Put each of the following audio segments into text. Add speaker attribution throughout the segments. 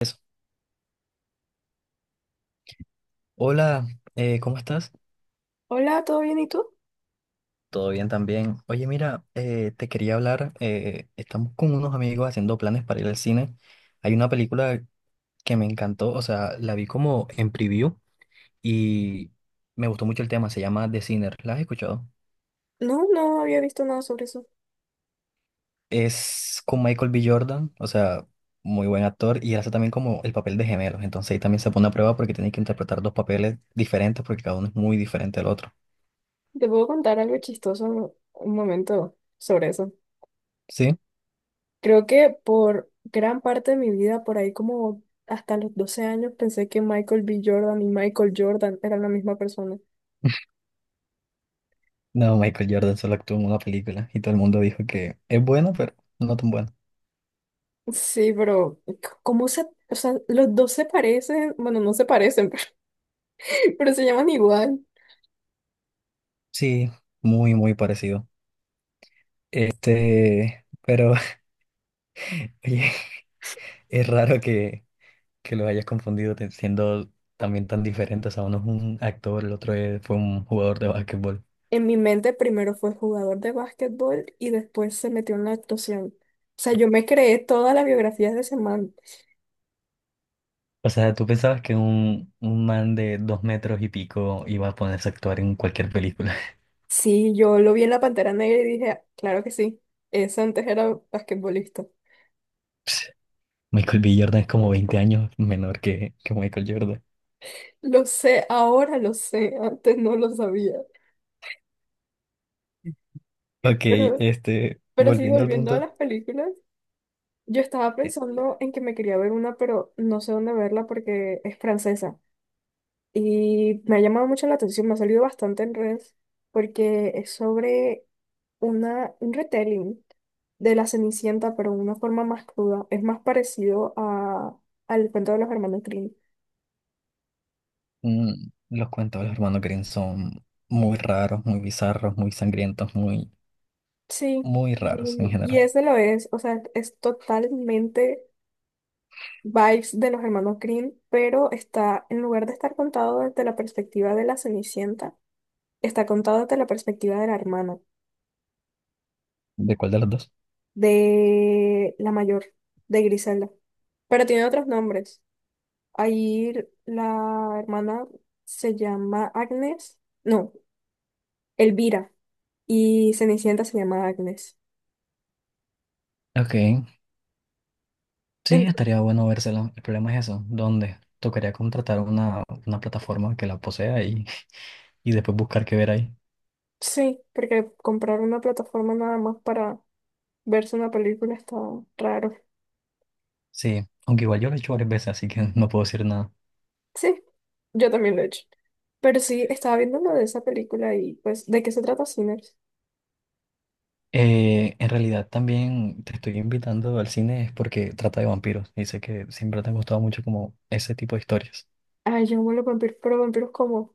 Speaker 1: Eso. Hola, ¿cómo estás?
Speaker 2: Hola, ¿todo bien? ¿Y tú?
Speaker 1: ¿Todo bien también? Oye, mira, te quería hablar. Estamos con unos amigos haciendo planes para ir al cine. Hay una película que me encantó, o sea, la vi como en preview y me gustó mucho el tema. Se llama The Sinner. ¿La has escuchado?
Speaker 2: No, no había visto nada sobre eso.
Speaker 1: Es con Michael B. Jordan, o sea, muy buen actor y hace también como el papel de gemelos. Entonces ahí también se pone a prueba porque tiene que interpretar dos papeles diferentes porque cada uno es muy diferente al otro.
Speaker 2: Te puedo contar algo chistoso un momento sobre eso.
Speaker 1: ¿Sí?
Speaker 2: Creo que por gran parte de mi vida, por ahí como hasta los 12 años, pensé que Michael B. Jordan y Michael Jordan eran la misma persona.
Speaker 1: No, Michael Jordan solo actuó en una película y todo el mundo dijo que es bueno, pero no tan bueno.
Speaker 2: Sí, pero ¿cómo se? O sea, los dos se parecen, bueno, no se parecen, pero se llaman igual.
Speaker 1: Sí, muy, muy parecido. Este, pero oye, es raro que los hayas confundido te- siendo también tan diferentes. O sea, uno es un actor, el otro es- fue un jugador de básquetbol.
Speaker 2: En mi mente primero fue jugador de básquetbol y después se metió en la actuación. O sea, yo me creé todas las biografías de ese man.
Speaker 1: O sea, ¿tú pensabas que un man de dos metros y pico iba a ponerse a actuar en cualquier película?
Speaker 2: Sí, yo lo vi en la Pantera Negra y dije, "Ah, claro que sí, ese antes era basquetbolista".
Speaker 1: Michael B. Jordan es como 20 años menor que Michael Jordan.
Speaker 2: Lo sé, ahora lo sé, antes no lo sabía.
Speaker 1: Ok,
Speaker 2: Pero,
Speaker 1: este,
Speaker 2: pero sí,
Speaker 1: volviendo al
Speaker 2: volviendo a
Speaker 1: punto.
Speaker 2: las películas, yo estaba pensando en que me quería ver una, pero no sé dónde verla porque es francesa. Y me ha llamado mucho la atención, me ha salido bastante en redes, porque es sobre una, un retelling de la Cenicienta, pero de una forma más cruda. Es más parecido a, al cuento de los hermanos Grimm.
Speaker 1: Mm, los cuentos de los hermanos Grimm son muy raros, muy bizarros, muy sangrientos, muy,
Speaker 2: Sí,
Speaker 1: muy raros en
Speaker 2: y
Speaker 1: general.
Speaker 2: ese lo es, o sea, es totalmente vibes de los hermanos Green, pero está, en lugar de estar contado desde la perspectiva de la Cenicienta, está contado desde la perspectiva de la hermana,
Speaker 1: ¿De cuál de los dos?
Speaker 2: de la mayor, de Griselda. Pero tiene otros nombres. Ahí la hermana se llama Agnes, no, Elvira, y Cenicienta se llama Agnes.
Speaker 1: Ok, sí,
Speaker 2: Ent-
Speaker 1: estaría bueno vérselo. El problema es eso, ¿dónde? Tocaría contratar una plataforma que la posea y, y después buscar qué ver ahí.
Speaker 2: sí, porque compraron una plataforma nada más para verse una película está raro.
Speaker 1: Sí, aunque igual yo lo he hecho varias veces, así que no puedo decir nada.
Speaker 2: Sí, yo también lo he hecho. Pero sí, estaba viendo lo de esa película y pues, ¿de qué se trata Sinners?
Speaker 1: En realidad también te estoy invitando al cine es porque trata de vampiros y sé que siempre te han gustado mucho como ese tipo de historias.
Speaker 2: Ay, yo amo los vampiros, pero vampiros como,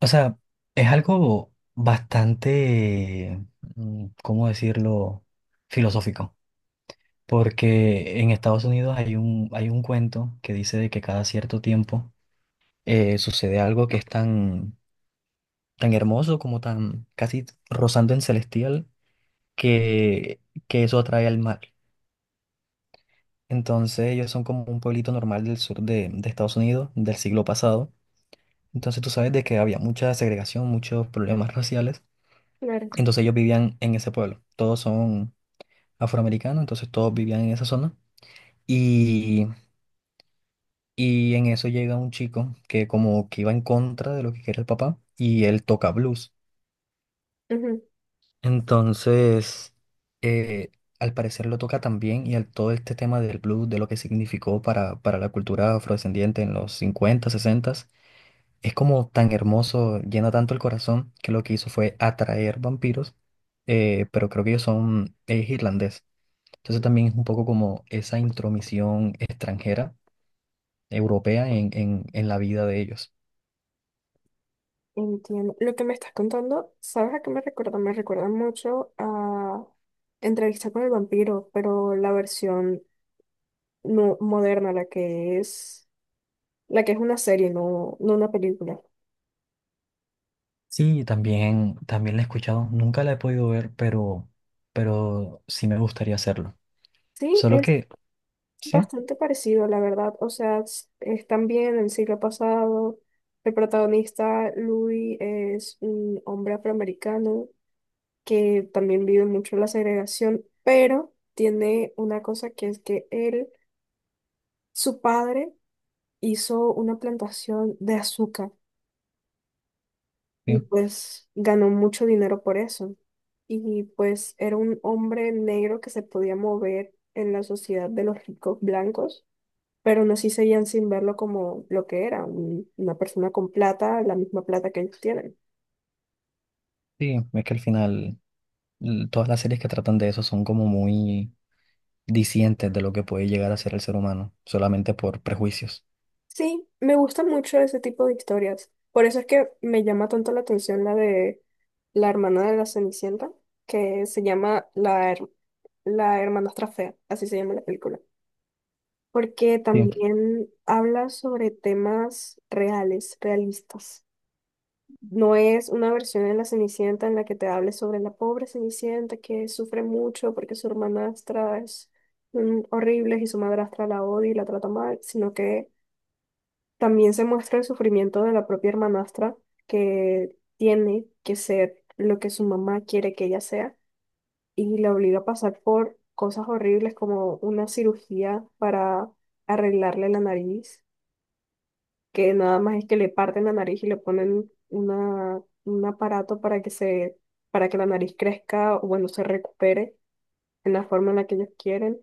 Speaker 1: O sea, es algo bastante, ¿cómo decirlo? Filosófico. Porque en Estados Unidos hay un cuento que dice de que cada cierto tiempo sucede algo que es tan, tan hermoso como tan casi rozando en celestial que, que eso atrae al mal. Entonces ellos son como un pueblito normal del sur de Estados Unidos del siglo pasado. Entonces tú sabes de que había mucha segregación, muchos problemas raciales.
Speaker 2: claro.
Speaker 1: Entonces ellos vivían en ese pueblo. Todos son afroamericanos, entonces todos vivían en esa zona. Y, y en eso llega un chico que como que iba en contra de lo que quería el papá y él toca blues.
Speaker 2: Ujú,
Speaker 1: Entonces, eh, al parecer lo toca también y al todo este tema del blues, de lo que significó para la cultura afrodescendiente en los cincuenta, 60, es como tan hermoso, llena tanto el corazón que lo que hizo fue atraer vampiros, pero creo que ellos son irlandeses. Entonces también es un poco como esa intromisión extranjera, europea, en la vida de ellos.
Speaker 2: entiendo. Lo que me estás contando, ¿sabes a qué me recuerda? Me recuerda mucho a Entrevista con el vampiro, pero la versión no moderna, la que es una serie, no, no una película.
Speaker 1: Sí, también, también la he escuchado, nunca la he podido ver, pero sí me gustaría hacerlo.
Speaker 2: Sí,
Speaker 1: Solo
Speaker 2: es
Speaker 1: que, sí,
Speaker 2: bastante parecido, la verdad. O sea, están bien en el siglo pasado. El protagonista, Louis, es un hombre afroamericano que también vive mucho la segregación, pero tiene una cosa que es que él, su padre, hizo una plantación de azúcar y
Speaker 1: sí,
Speaker 2: pues ganó mucho dinero por eso. Y pues era un hombre negro que se podía mover en la sociedad de los ricos blancos, pero no sí seguían sin verlo como lo que era, una persona con plata, la misma plata que ellos tienen.
Speaker 1: sí, es que al final l- todas las series que tratan de eso son como muy discientes de lo que puede llegar a ser el ser humano, solamente por prejuicios.
Speaker 2: Sí, me gusta mucho ese tipo de historias. Por eso es que me llama tanto la atención la de la hermana de la Cenicienta, que se llama la Hermanastra Fea, así se llama la película. Porque
Speaker 1: Sí,
Speaker 2: también habla sobre temas reales, realistas. No es una versión de la Cenicienta en la que te hable sobre la pobre Cenicienta que sufre mucho porque su hermanastra es horrible y su madrastra la odia y la trata mal, sino que también se muestra el sufrimiento de la propia hermanastra que tiene que ser lo que su mamá quiere que ella sea y la obliga a pasar por cosas horribles como una cirugía para arreglarle la nariz, que nada más es que le parten la nariz y le ponen una, un aparato para que se, para que la nariz crezca o bueno, se recupere en la forma en la que ellos quieren.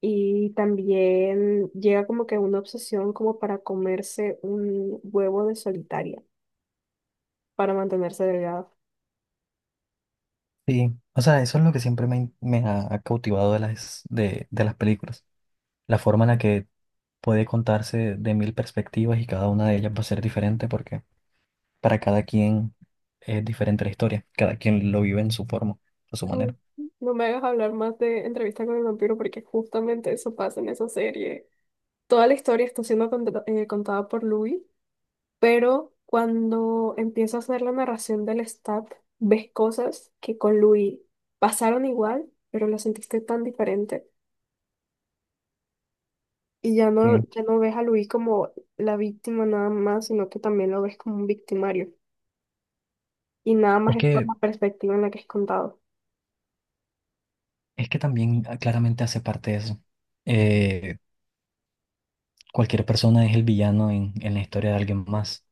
Speaker 2: Y también llega como que una obsesión como para comerse un huevo de solitaria para mantenerse delgada.
Speaker 1: sí. O sea, eso es lo que siempre me, me ha, ha cautivado de las películas, la forma en la que puede contarse de mil perspectivas y cada una de ellas va a ser diferente porque para cada quien es diferente la historia, cada quien lo vive en su forma, a su
Speaker 2: Ay,
Speaker 1: manera.
Speaker 2: no me hagas hablar más de Entrevista con el vampiro porque justamente eso pasa en esa serie. Toda la historia está siendo contada por Louis. Pero cuando empieza a hacer la narración del stat, ves cosas que con Louis pasaron igual, pero la sentiste tan diferente. Y ya no,
Speaker 1: Sí.
Speaker 2: ya no ves a Louis como la víctima nada más, sino que también lo ves como un victimario. Y nada más
Speaker 1: Es
Speaker 2: es por
Speaker 1: que,
Speaker 2: la perspectiva en la que es contado.
Speaker 1: es que también ah, claramente hace parte de eso. Eh, Cualquier persona es el villano en la historia de alguien más.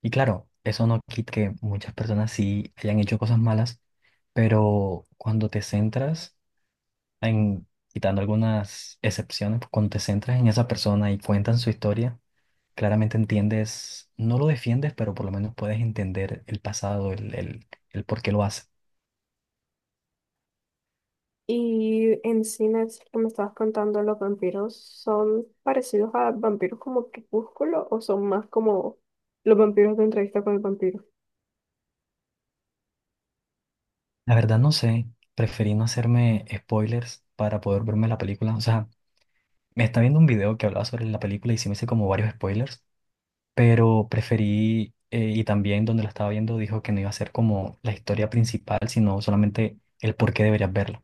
Speaker 1: Y claro, eso no quita que muchas personas sí hayan hecho cosas malas, pero cuando te centras en, quitando algunas excepciones, cuando te centras en esa persona y cuentan su historia, claramente entiendes, no lo defiendes, pero por lo menos puedes entender el pasado, el por qué lo hace.
Speaker 2: Y en cines que me estabas contando, los vampiros son parecidos a vampiros como Crepúsculo o son más como los vampiros de entrevista con el vampiro.
Speaker 1: La verdad no sé, preferí no hacerme spoilers para poder verme la película. O sea, me está viendo un video que hablaba sobre la película y sí me hice como varios spoilers, pero preferí, y también donde la estaba viendo dijo que no iba a ser como la historia principal, sino solamente el por qué deberías verla.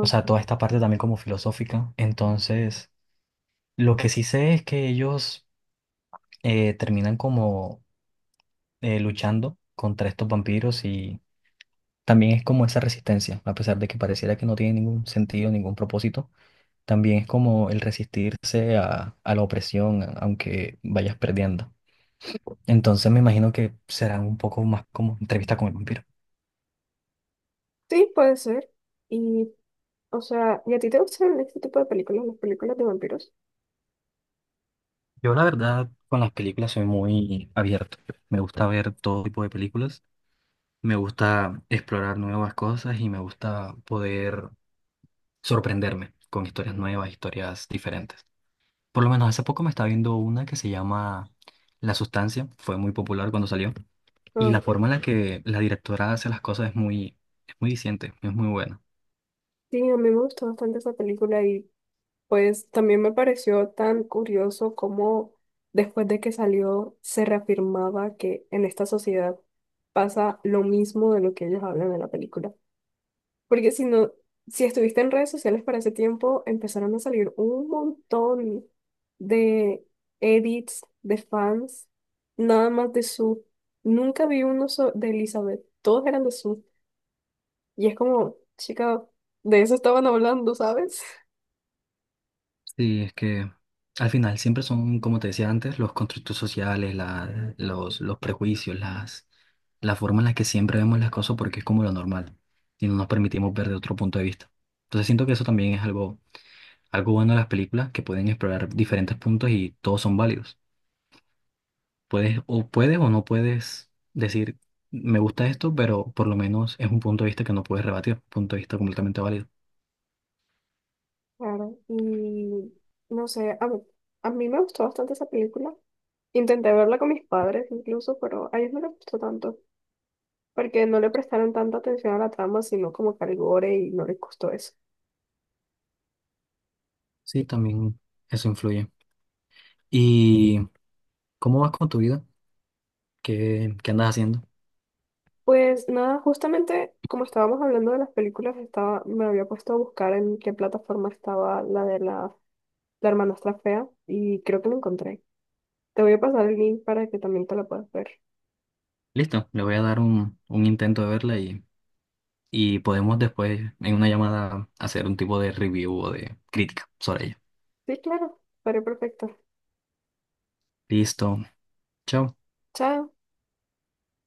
Speaker 1: O sea, toda esta parte también como filosófica. Entonces, lo que sí sé es que ellos terminan como luchando contra estos vampiros y también es como esa resistencia, a pesar de que pareciera que no tiene ningún sentido, ningún propósito, también es como el resistirse a la opresión, a- aunque vayas perdiendo. Entonces me imagino que será un poco más como entrevista con el vampiro.
Speaker 2: sí, puede ser. Y o sea, ¿y a ti te gustan este tipo de películas, las películas de vampiros?
Speaker 1: Yo la verdad con las películas soy muy abierto. Me gusta ver todo tipo de películas, me gusta explorar nuevas cosas y me gusta poder sorprenderme con historias nuevas, historias diferentes. Por lo menos hace poco me estaba viendo una que se llama La Sustancia, fue muy popular cuando salió, y la
Speaker 2: Ah,
Speaker 1: forma en la que la directora hace las cosas es muy diciente, es muy buena.
Speaker 2: sí, a mí me gustó bastante esa película y pues también me pareció tan curioso cómo después de que salió se reafirmaba que en esta sociedad pasa lo mismo de lo que ellos hablan en la película. Porque si no, si estuviste en redes sociales para ese tiempo, empezaron a salir un montón de edits de fans, nada más de su. Nunca vi uno de Elizabeth, todos eran de su. Y es como, chica, de eso estaban hablando, ¿sabes?
Speaker 1: Sí, es que al final siempre son, como te decía antes, los constructos sociales, la- los prejuicios, las, la forma en la que siempre vemos las cosas porque es como lo normal, y no nos permitimos ver de otro punto de vista. Entonces siento que eso también es algo, algo bueno de las películas, que pueden explorar diferentes puntos y todos son válidos. Puedes o puedes o no puedes decir, me gusta esto, pero por lo menos es un punto de vista que no puedes rebatir, un punto de vista completamente válido.
Speaker 2: Claro, y no sé, a mí, me gustó bastante esa película. Intenté verla con mis padres incluso, pero a ellos no les gustó tanto, porque no le prestaron tanta atención a la trama, sino como que al gore y no les gustó eso.
Speaker 1: Sí, también eso influye. ¿Y cómo vas con tu vida? ¿Qué, qué andas haciendo?
Speaker 2: Pues nada, justamente como estábamos hablando de las películas, estaba, me había puesto a buscar en qué plataforma estaba la de la hermanastra fea y creo que la encontré. Te voy a pasar el link para que también te la puedas ver.
Speaker 1: Listo, le voy a dar un intento de verla y podemos después en una llamada hacer un tipo de review o de crítica sobre ella.
Speaker 2: Sí, claro, estaría perfecto.
Speaker 1: Listo, chao.
Speaker 2: Chao.